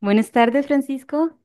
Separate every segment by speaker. Speaker 1: Buenas tardes, Francisco.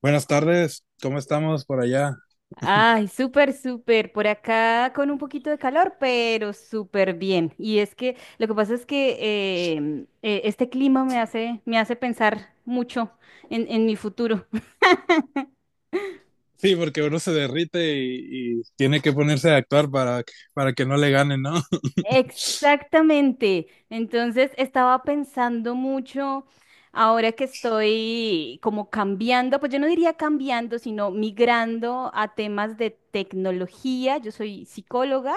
Speaker 2: Buenas tardes, ¿cómo estamos por allá?
Speaker 1: Ay, súper, súper. Por acá con un poquito de calor, pero súper bien. Y es que lo que pasa es que este clima me hace pensar mucho en mi futuro.
Speaker 2: Sí, porque uno se derrite y tiene que ponerse a actuar para que no le ganen, ¿no?
Speaker 1: Exactamente. Entonces estaba pensando mucho ahora que estoy como cambiando, pues yo no diría cambiando, sino migrando a temas de tecnología. Yo soy psicóloga,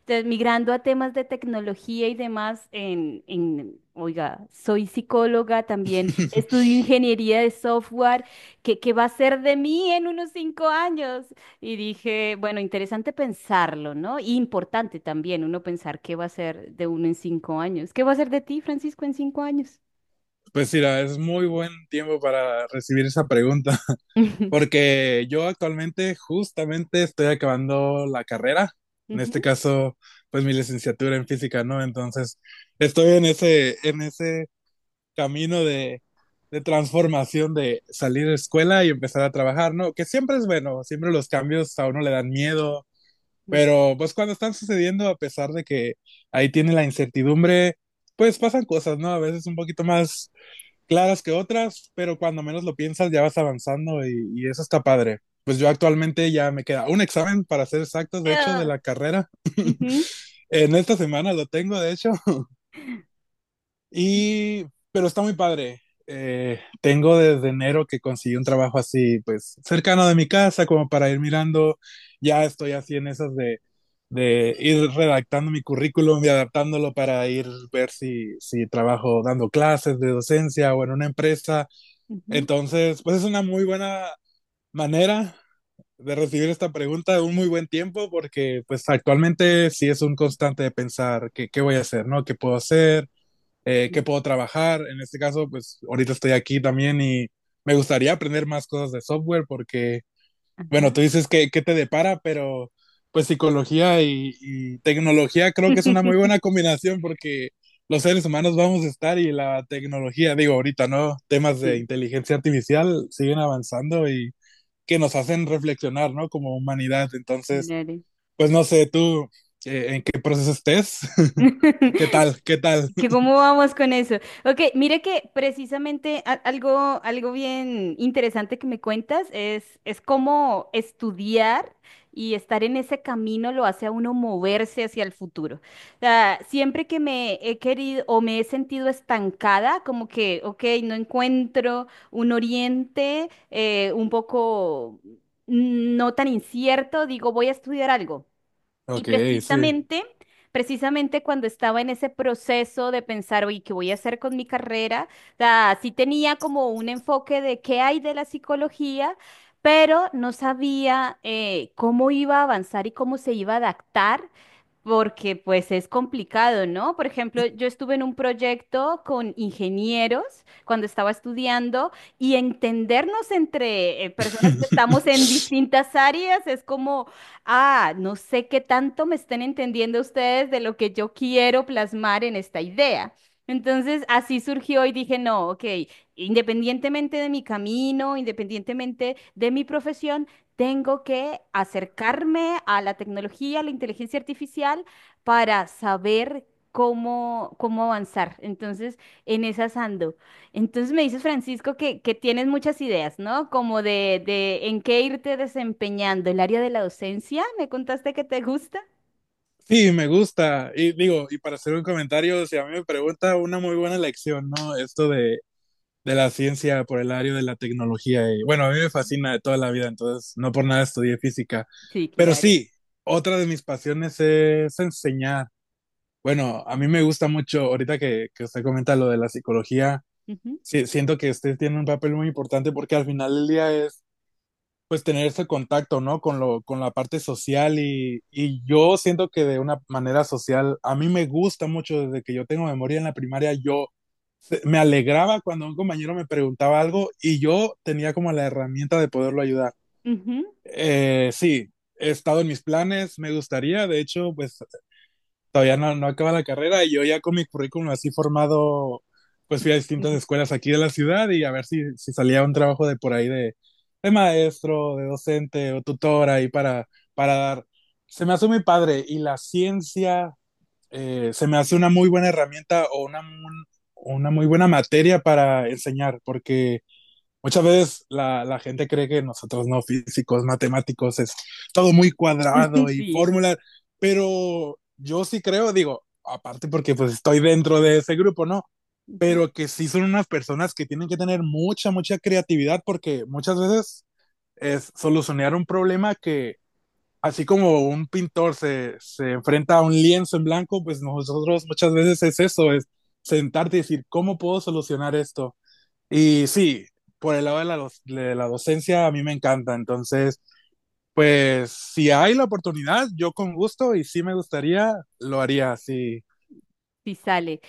Speaker 1: entonces migrando a temas de tecnología y demás oiga, soy psicóloga también, estudio ingeniería de software. ¿Qué, qué va a ser de mí en unos 5 años? Y dije, bueno, interesante pensarlo, ¿no? Y importante también uno pensar qué va a ser de uno en 5 años. ¿Qué va a ser de ti, Francisco, en 5 años?
Speaker 2: Pues mira, es muy buen tiempo para recibir esa pregunta. Porque yo actualmente justamente estoy acabando la carrera, en este
Speaker 1: Ujú,
Speaker 2: caso, pues mi licenciatura en física, ¿no? Entonces, estoy en ese camino de transformación de salir de escuela y empezar a trabajar, ¿no? Que siempre es bueno, siempre los cambios a uno le dan miedo,
Speaker 1: ujú.
Speaker 2: pero pues cuando están sucediendo, a pesar de que ahí tiene la incertidumbre, pues pasan cosas, ¿no? A veces un poquito más claras que otras, pero cuando menos lo piensas ya vas avanzando y eso está padre. Pues yo actualmente ya me queda un examen, para ser exactos, de hecho, de
Speaker 1: Ah,
Speaker 2: la carrera.
Speaker 1: ujú,
Speaker 2: En esta semana lo tengo, de hecho, y, pero está muy padre. Tengo desde enero que conseguí un trabajo así, pues cercano de mi casa, como para ir mirando. Ya estoy así en esas de ir redactando mi currículum y adaptándolo para ir ver si trabajo dando clases de docencia o en una empresa.
Speaker 1: ujú,
Speaker 2: Entonces, pues es una muy buena manera de recibir esta pregunta, un muy buen tiempo, porque pues actualmente sí es un constante de pensar que qué voy a hacer, ¿no? ¿Qué puedo hacer? ¿Qué
Speaker 1: sí,
Speaker 2: puedo trabajar? En este caso, pues ahorita estoy aquí también y me gustaría aprender más cosas de software porque, bueno,
Speaker 1: ajá.
Speaker 2: tú dices que, te depara, pero pues psicología y tecnología creo que es una muy buena combinación, porque los seres humanos vamos a estar y la tecnología, digo, ahorita, ¿no? Temas de
Speaker 1: Sí,
Speaker 2: inteligencia artificial siguen avanzando y que nos hacen reflexionar, ¿no? Como humanidad. Entonces,
Speaker 1: claro.
Speaker 2: pues no sé, tú, ¿en qué proceso estés? ¿Qué tal? ¿Qué tal?
Speaker 1: ¿Que cómo vamos con eso? Ok, mire que precisamente algo, algo bien interesante que me cuentas es cómo estudiar y estar en ese camino lo hace a uno moverse hacia el futuro. O sea, siempre que me he querido o me he sentido estancada, como que, ok, no encuentro un oriente un poco no tan incierto, digo, voy a estudiar algo. Y
Speaker 2: Ok, sí.
Speaker 1: precisamente, precisamente cuando estaba en ese proceso de pensar, oye, ¿qué voy a hacer con mi carrera? O sea, sí tenía como un enfoque de qué hay de la psicología, pero no sabía cómo iba a avanzar y cómo se iba a adaptar porque pues es complicado, ¿no? Por ejemplo, yo estuve en un proyecto con ingenieros cuando estaba estudiando y entendernos entre personas que estamos en
Speaker 2: Sí,
Speaker 1: distintas áreas es como, ah, no sé qué tanto me estén entendiendo ustedes de lo que yo quiero plasmar en esta idea. Entonces, así surgió y dije, no, ok, independientemente de mi camino, independientemente de mi profesión, tengo que acercarme a la tecnología, a la inteligencia artificial, para saber cómo, cómo avanzar. Entonces, en esas ando. Entonces me dices, Francisco, que tienes muchas ideas, ¿no? Como de en qué irte desempeñando. El área de la docencia, ¿me contaste que te gusta?
Speaker 2: me gusta. Y digo, y para hacer un comentario, si a mí me pregunta, una muy buena lección, ¿no? Esto de la ciencia por el área de la tecnología. Y bueno, a mí me fascina de toda la vida, entonces no por nada estudié física.
Speaker 1: Sí,
Speaker 2: Pero
Speaker 1: claro.
Speaker 2: sí, otra de mis pasiones es enseñar. Bueno, a mí me gusta mucho, ahorita que, usted comenta lo de la psicología,
Speaker 1: Ujú.
Speaker 2: sí, siento que usted tiene un papel muy importante porque al final del día es, pues, tener ese contacto, ¿no? Con la parte social y yo siento que de una manera social, a mí me gusta mucho desde que yo tengo memoria en la primaria. Yo me alegraba cuando un compañero me preguntaba algo y yo tenía como la herramienta de poderlo ayudar.
Speaker 1: Ujú,
Speaker 2: Sí, he estado en mis planes, me gustaría, de hecho. Pues todavía no, acaba la carrera y yo ya con mi currículum así formado, pues fui a distintas
Speaker 1: ujú.
Speaker 2: escuelas aquí de la ciudad, y a ver si salía un trabajo de por ahí de maestro, de docente o tutor ahí para dar. Se me hace muy padre. Y la ciencia, se me hace una muy buena herramienta o una muy buena materia para enseñar, porque muchas veces la gente cree que nosotros, no, físicos, matemáticos, es todo muy cuadrado y
Speaker 1: Sí.
Speaker 2: fórmulas. Pero yo sí creo, digo, aparte porque pues estoy dentro de ese grupo, ¿no?
Speaker 1: Ujú.
Speaker 2: Pero que sí son unas personas que tienen que tener mucha, mucha creatividad, porque muchas veces es solucionar un problema que, así como un pintor se enfrenta a un lienzo en blanco, pues nosotros muchas veces es eso, es sentarte y decir, ¿cómo puedo solucionar esto? Y sí, por el lado de la, de la docencia, a mí me encanta. Entonces, pues si hay la oportunidad, yo con gusto, y sí me gustaría, lo haría, sí.
Speaker 1: Sí sale.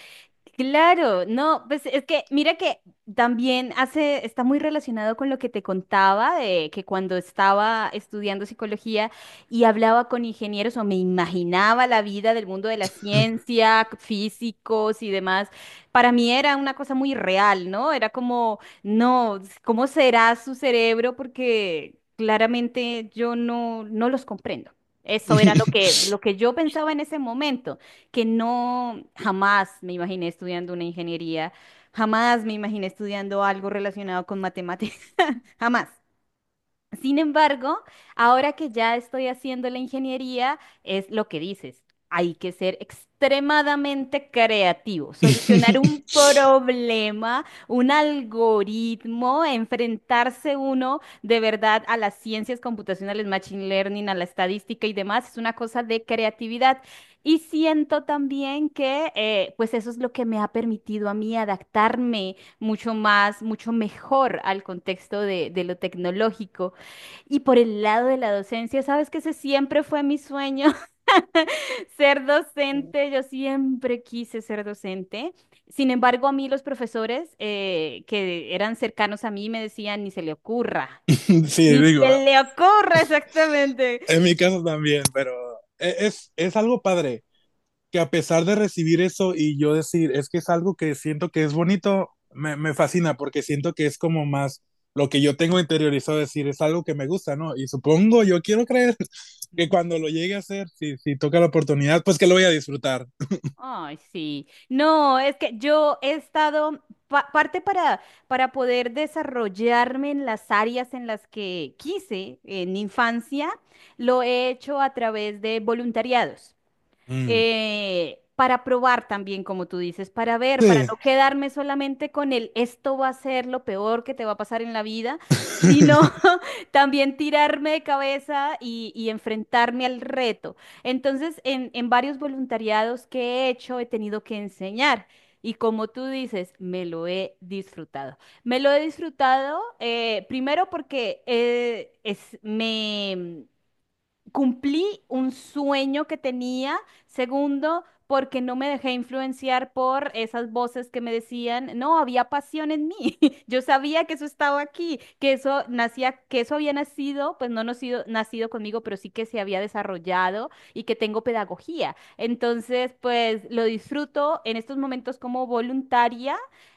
Speaker 1: Claro, no, pues es que mira que también hace, está muy relacionado con lo que te contaba de que cuando estaba estudiando psicología y hablaba con ingenieros o me imaginaba la vida del mundo de la ciencia, físicos y demás, para mí era una cosa muy real, ¿no? Era como, no, ¿cómo será su cerebro? Porque claramente yo no, no los comprendo. Eso era lo que yo pensaba en ese momento que no jamás me imaginé estudiando una ingeniería, jamás me imaginé estudiando algo relacionado con matemáticas, jamás. Sin embargo, ahora que ya estoy haciendo la ingeniería, es lo que dices. Hay que ser extremadamente creativo, solucionar un problema, un algoritmo, enfrentarse uno de verdad a las ciencias computacionales, machine learning, a la estadística y demás, es una cosa de creatividad. Y siento también que pues eso es lo que me ha permitido a mí adaptarme mucho más, mucho mejor al contexto de lo tecnológico. Y por el lado de la docencia, sabes que ese siempre fue mi sueño, ser docente. Yo siempre quise ser docente. Sin embargo, a mí los profesores que eran cercanos a mí me decían, ni se le ocurra. Mm,
Speaker 2: Sí,
Speaker 1: ni
Speaker 2: digo,
Speaker 1: se le ocurra exactamente.
Speaker 2: en mi caso también, pero es algo padre. Que a pesar de recibir eso y yo decir, es que es algo que siento que es bonito, me fascina, porque siento que es como más lo que yo tengo interiorizado, decir, es algo que me gusta, ¿no? Y supongo, yo quiero creer que cuando lo llegue a hacer, si toca la oportunidad, pues, que lo voy a disfrutar.
Speaker 1: Ay, sí. No, es que yo he estado parte para poder desarrollarme en las áreas en las que quise en infancia, lo he hecho a través de voluntariados.
Speaker 2: Mm,
Speaker 1: Eh, para probar también, como tú dices, para ver, para
Speaker 2: sí.
Speaker 1: no quedarme solamente con el esto va a ser lo peor que te va a pasar en la vida, sino también tirarme de cabeza y enfrentarme al reto. Entonces, en varios voluntariados que he hecho, he tenido que enseñar. Y como tú dices, me lo he disfrutado. Me lo he disfrutado primero porque es, me, cumplí un sueño que tenía. Segundo, porque no me dejé influenciar por esas voces que me decían, no, había pasión en mí. Yo sabía que eso estaba aquí, que eso nacía, que eso había nacido, pues no nacido, nacido conmigo, pero sí que se había desarrollado y que tengo pedagogía. Entonces, pues lo disfruto en estos momentos como voluntaria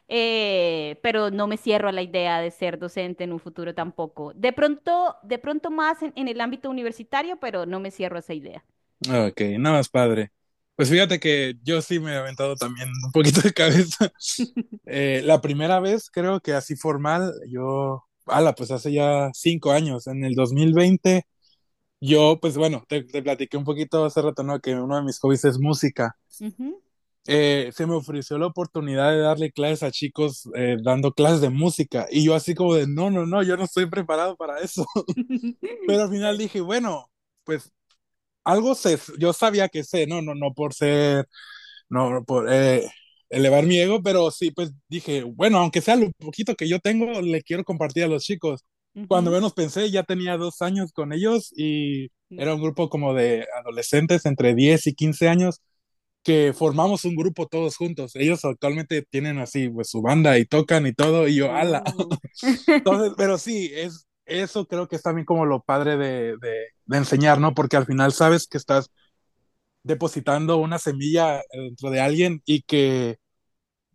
Speaker 1: pero no me cierro a la idea de ser docente en un futuro tampoco. De pronto más en el ámbito universitario, pero no me cierro a esa idea.
Speaker 2: Ok, nada más padre. Pues fíjate que yo sí me he aventado también un poquito de cabeza. La primera vez, creo que así formal, yo, ala, pues hace ya 5 años, en el 2020. Yo, pues bueno, te platiqué un poquito hace rato, ¿no? Que uno de mis hobbies es música.
Speaker 1: Ujú.
Speaker 2: Se me ofreció la oportunidad de darle clases a chicos, dando clases de música, y yo así como de, no, no, no, yo no estoy preparado para eso. Pero al final
Speaker 1: Claro.
Speaker 2: dije, bueno, pues algo sé, yo sabía que sé, no, no, no por ser no, por elevar mi ego. Pero sí, pues dije, bueno, aunque sea lo poquito que yo tengo, le quiero compartir a los chicos. Cuando
Speaker 1: Ujú.
Speaker 2: menos pensé, ya tenía 2 años con ellos, y
Speaker 1: Mm.
Speaker 2: era un grupo como de adolescentes entre 10 y 15 años, que formamos un grupo todos juntos. Ellos actualmente tienen así, pues, su banda y tocan y todo, y yo, ala.
Speaker 1: Oh.
Speaker 2: Entonces, pero sí, es, eso creo que es también como lo padre de, de enseñar, ¿no? Porque al final sabes que estás depositando una semilla, dentro de alguien, y que,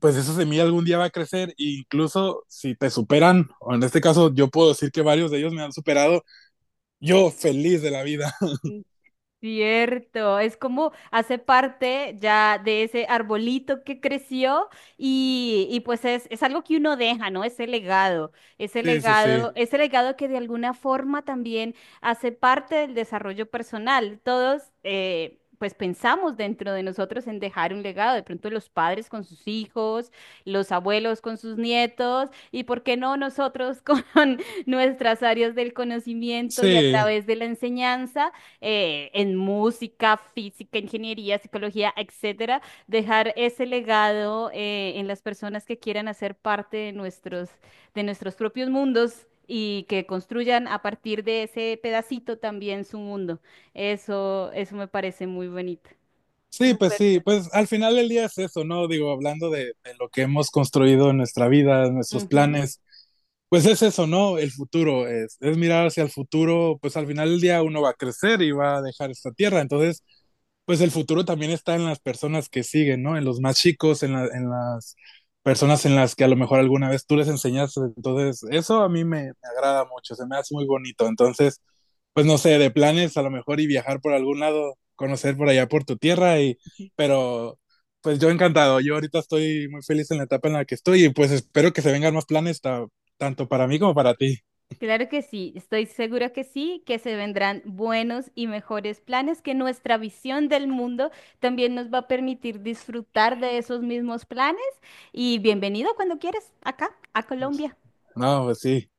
Speaker 2: pues, esa semilla algún día va a crecer, e incluso si te superan, o en este caso yo puedo decir que varios de ellos me han superado, yo feliz de la vida.
Speaker 1: Cierto, es como hace parte ya de ese arbolito que creció y pues es algo que uno deja, ¿no? Ese legado, ese
Speaker 2: Sí, sí, sí.
Speaker 1: legado, ese legado que de alguna forma también hace parte del desarrollo personal. Todos, pues pensamos dentro de nosotros en dejar un legado, de pronto los padres con sus hijos, los abuelos con sus nietos y, ¿por qué no nosotros con nuestras áreas del conocimiento y a
Speaker 2: Sí,
Speaker 1: través de la enseñanza? Eh, en música, física, ingeniería, psicología, etcétera, dejar ese legado en las personas que quieran hacer parte de nuestros propios mundos y que construyan a partir de ese pedacito también su mundo. Eso me parece muy bonito.
Speaker 2: sí, pues
Speaker 1: Súper.
Speaker 2: sí, pues al final del día es eso, ¿no? Digo, hablando de lo que hemos construido en nuestra vida, nuestros
Speaker 1: Ujú.
Speaker 2: planes, pues es eso, ¿no? El futuro, es mirar hacia el futuro, pues al final del día uno va a crecer y va a dejar esta tierra. Entonces, pues el futuro también está en las personas que siguen, ¿no? En los más chicos, en las personas en las que a lo mejor alguna vez tú les enseñaste. Entonces eso a mí me agrada mucho, se me hace muy bonito. Entonces, pues no sé, de planes a lo mejor y viajar por algún lado, conocer por allá por tu tierra y, pero pues yo encantado. Yo ahorita estoy muy feliz en la etapa en la que estoy, y pues espero que se vengan más planes, tanto para mí como para ti.
Speaker 1: Claro que sí, estoy segura que sí, que se vendrán buenos y mejores planes, que nuestra visión del mundo también nos va a permitir disfrutar de esos mismos planes. Y bienvenido cuando quieras, acá, a Colombia.
Speaker 2: No, pues sí.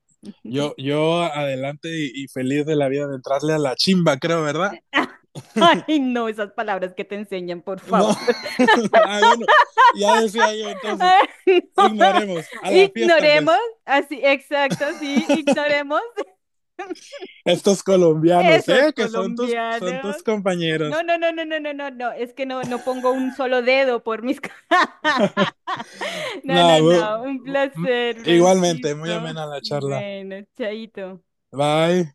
Speaker 2: Yo adelante y feliz de la vida de entrarle a la chimba, creo, ¿verdad?
Speaker 1: Ay, no, esas palabras que te enseñan, por
Speaker 2: No.
Speaker 1: favor.
Speaker 2: Ah, bueno, ya decía yo entonces,
Speaker 1: Ay, no.
Speaker 2: ignoremos a la fiesta,
Speaker 1: Ignoremos,
Speaker 2: pues.
Speaker 1: así, exacto, sí, ignoremos
Speaker 2: Estos colombianos,
Speaker 1: esos
Speaker 2: ¿eh? Que son tus, son
Speaker 1: colombianos.
Speaker 2: tus
Speaker 1: No,
Speaker 2: compañeros.
Speaker 1: no, no, no, no, no, no, no, es que no, no pongo un solo dedo por mis... No, no,
Speaker 2: No,
Speaker 1: no. Un
Speaker 2: bu-
Speaker 1: placer,
Speaker 2: igualmente, muy
Speaker 1: Francisco.
Speaker 2: amena la charla.
Speaker 1: Bueno, chaito.
Speaker 2: Bye.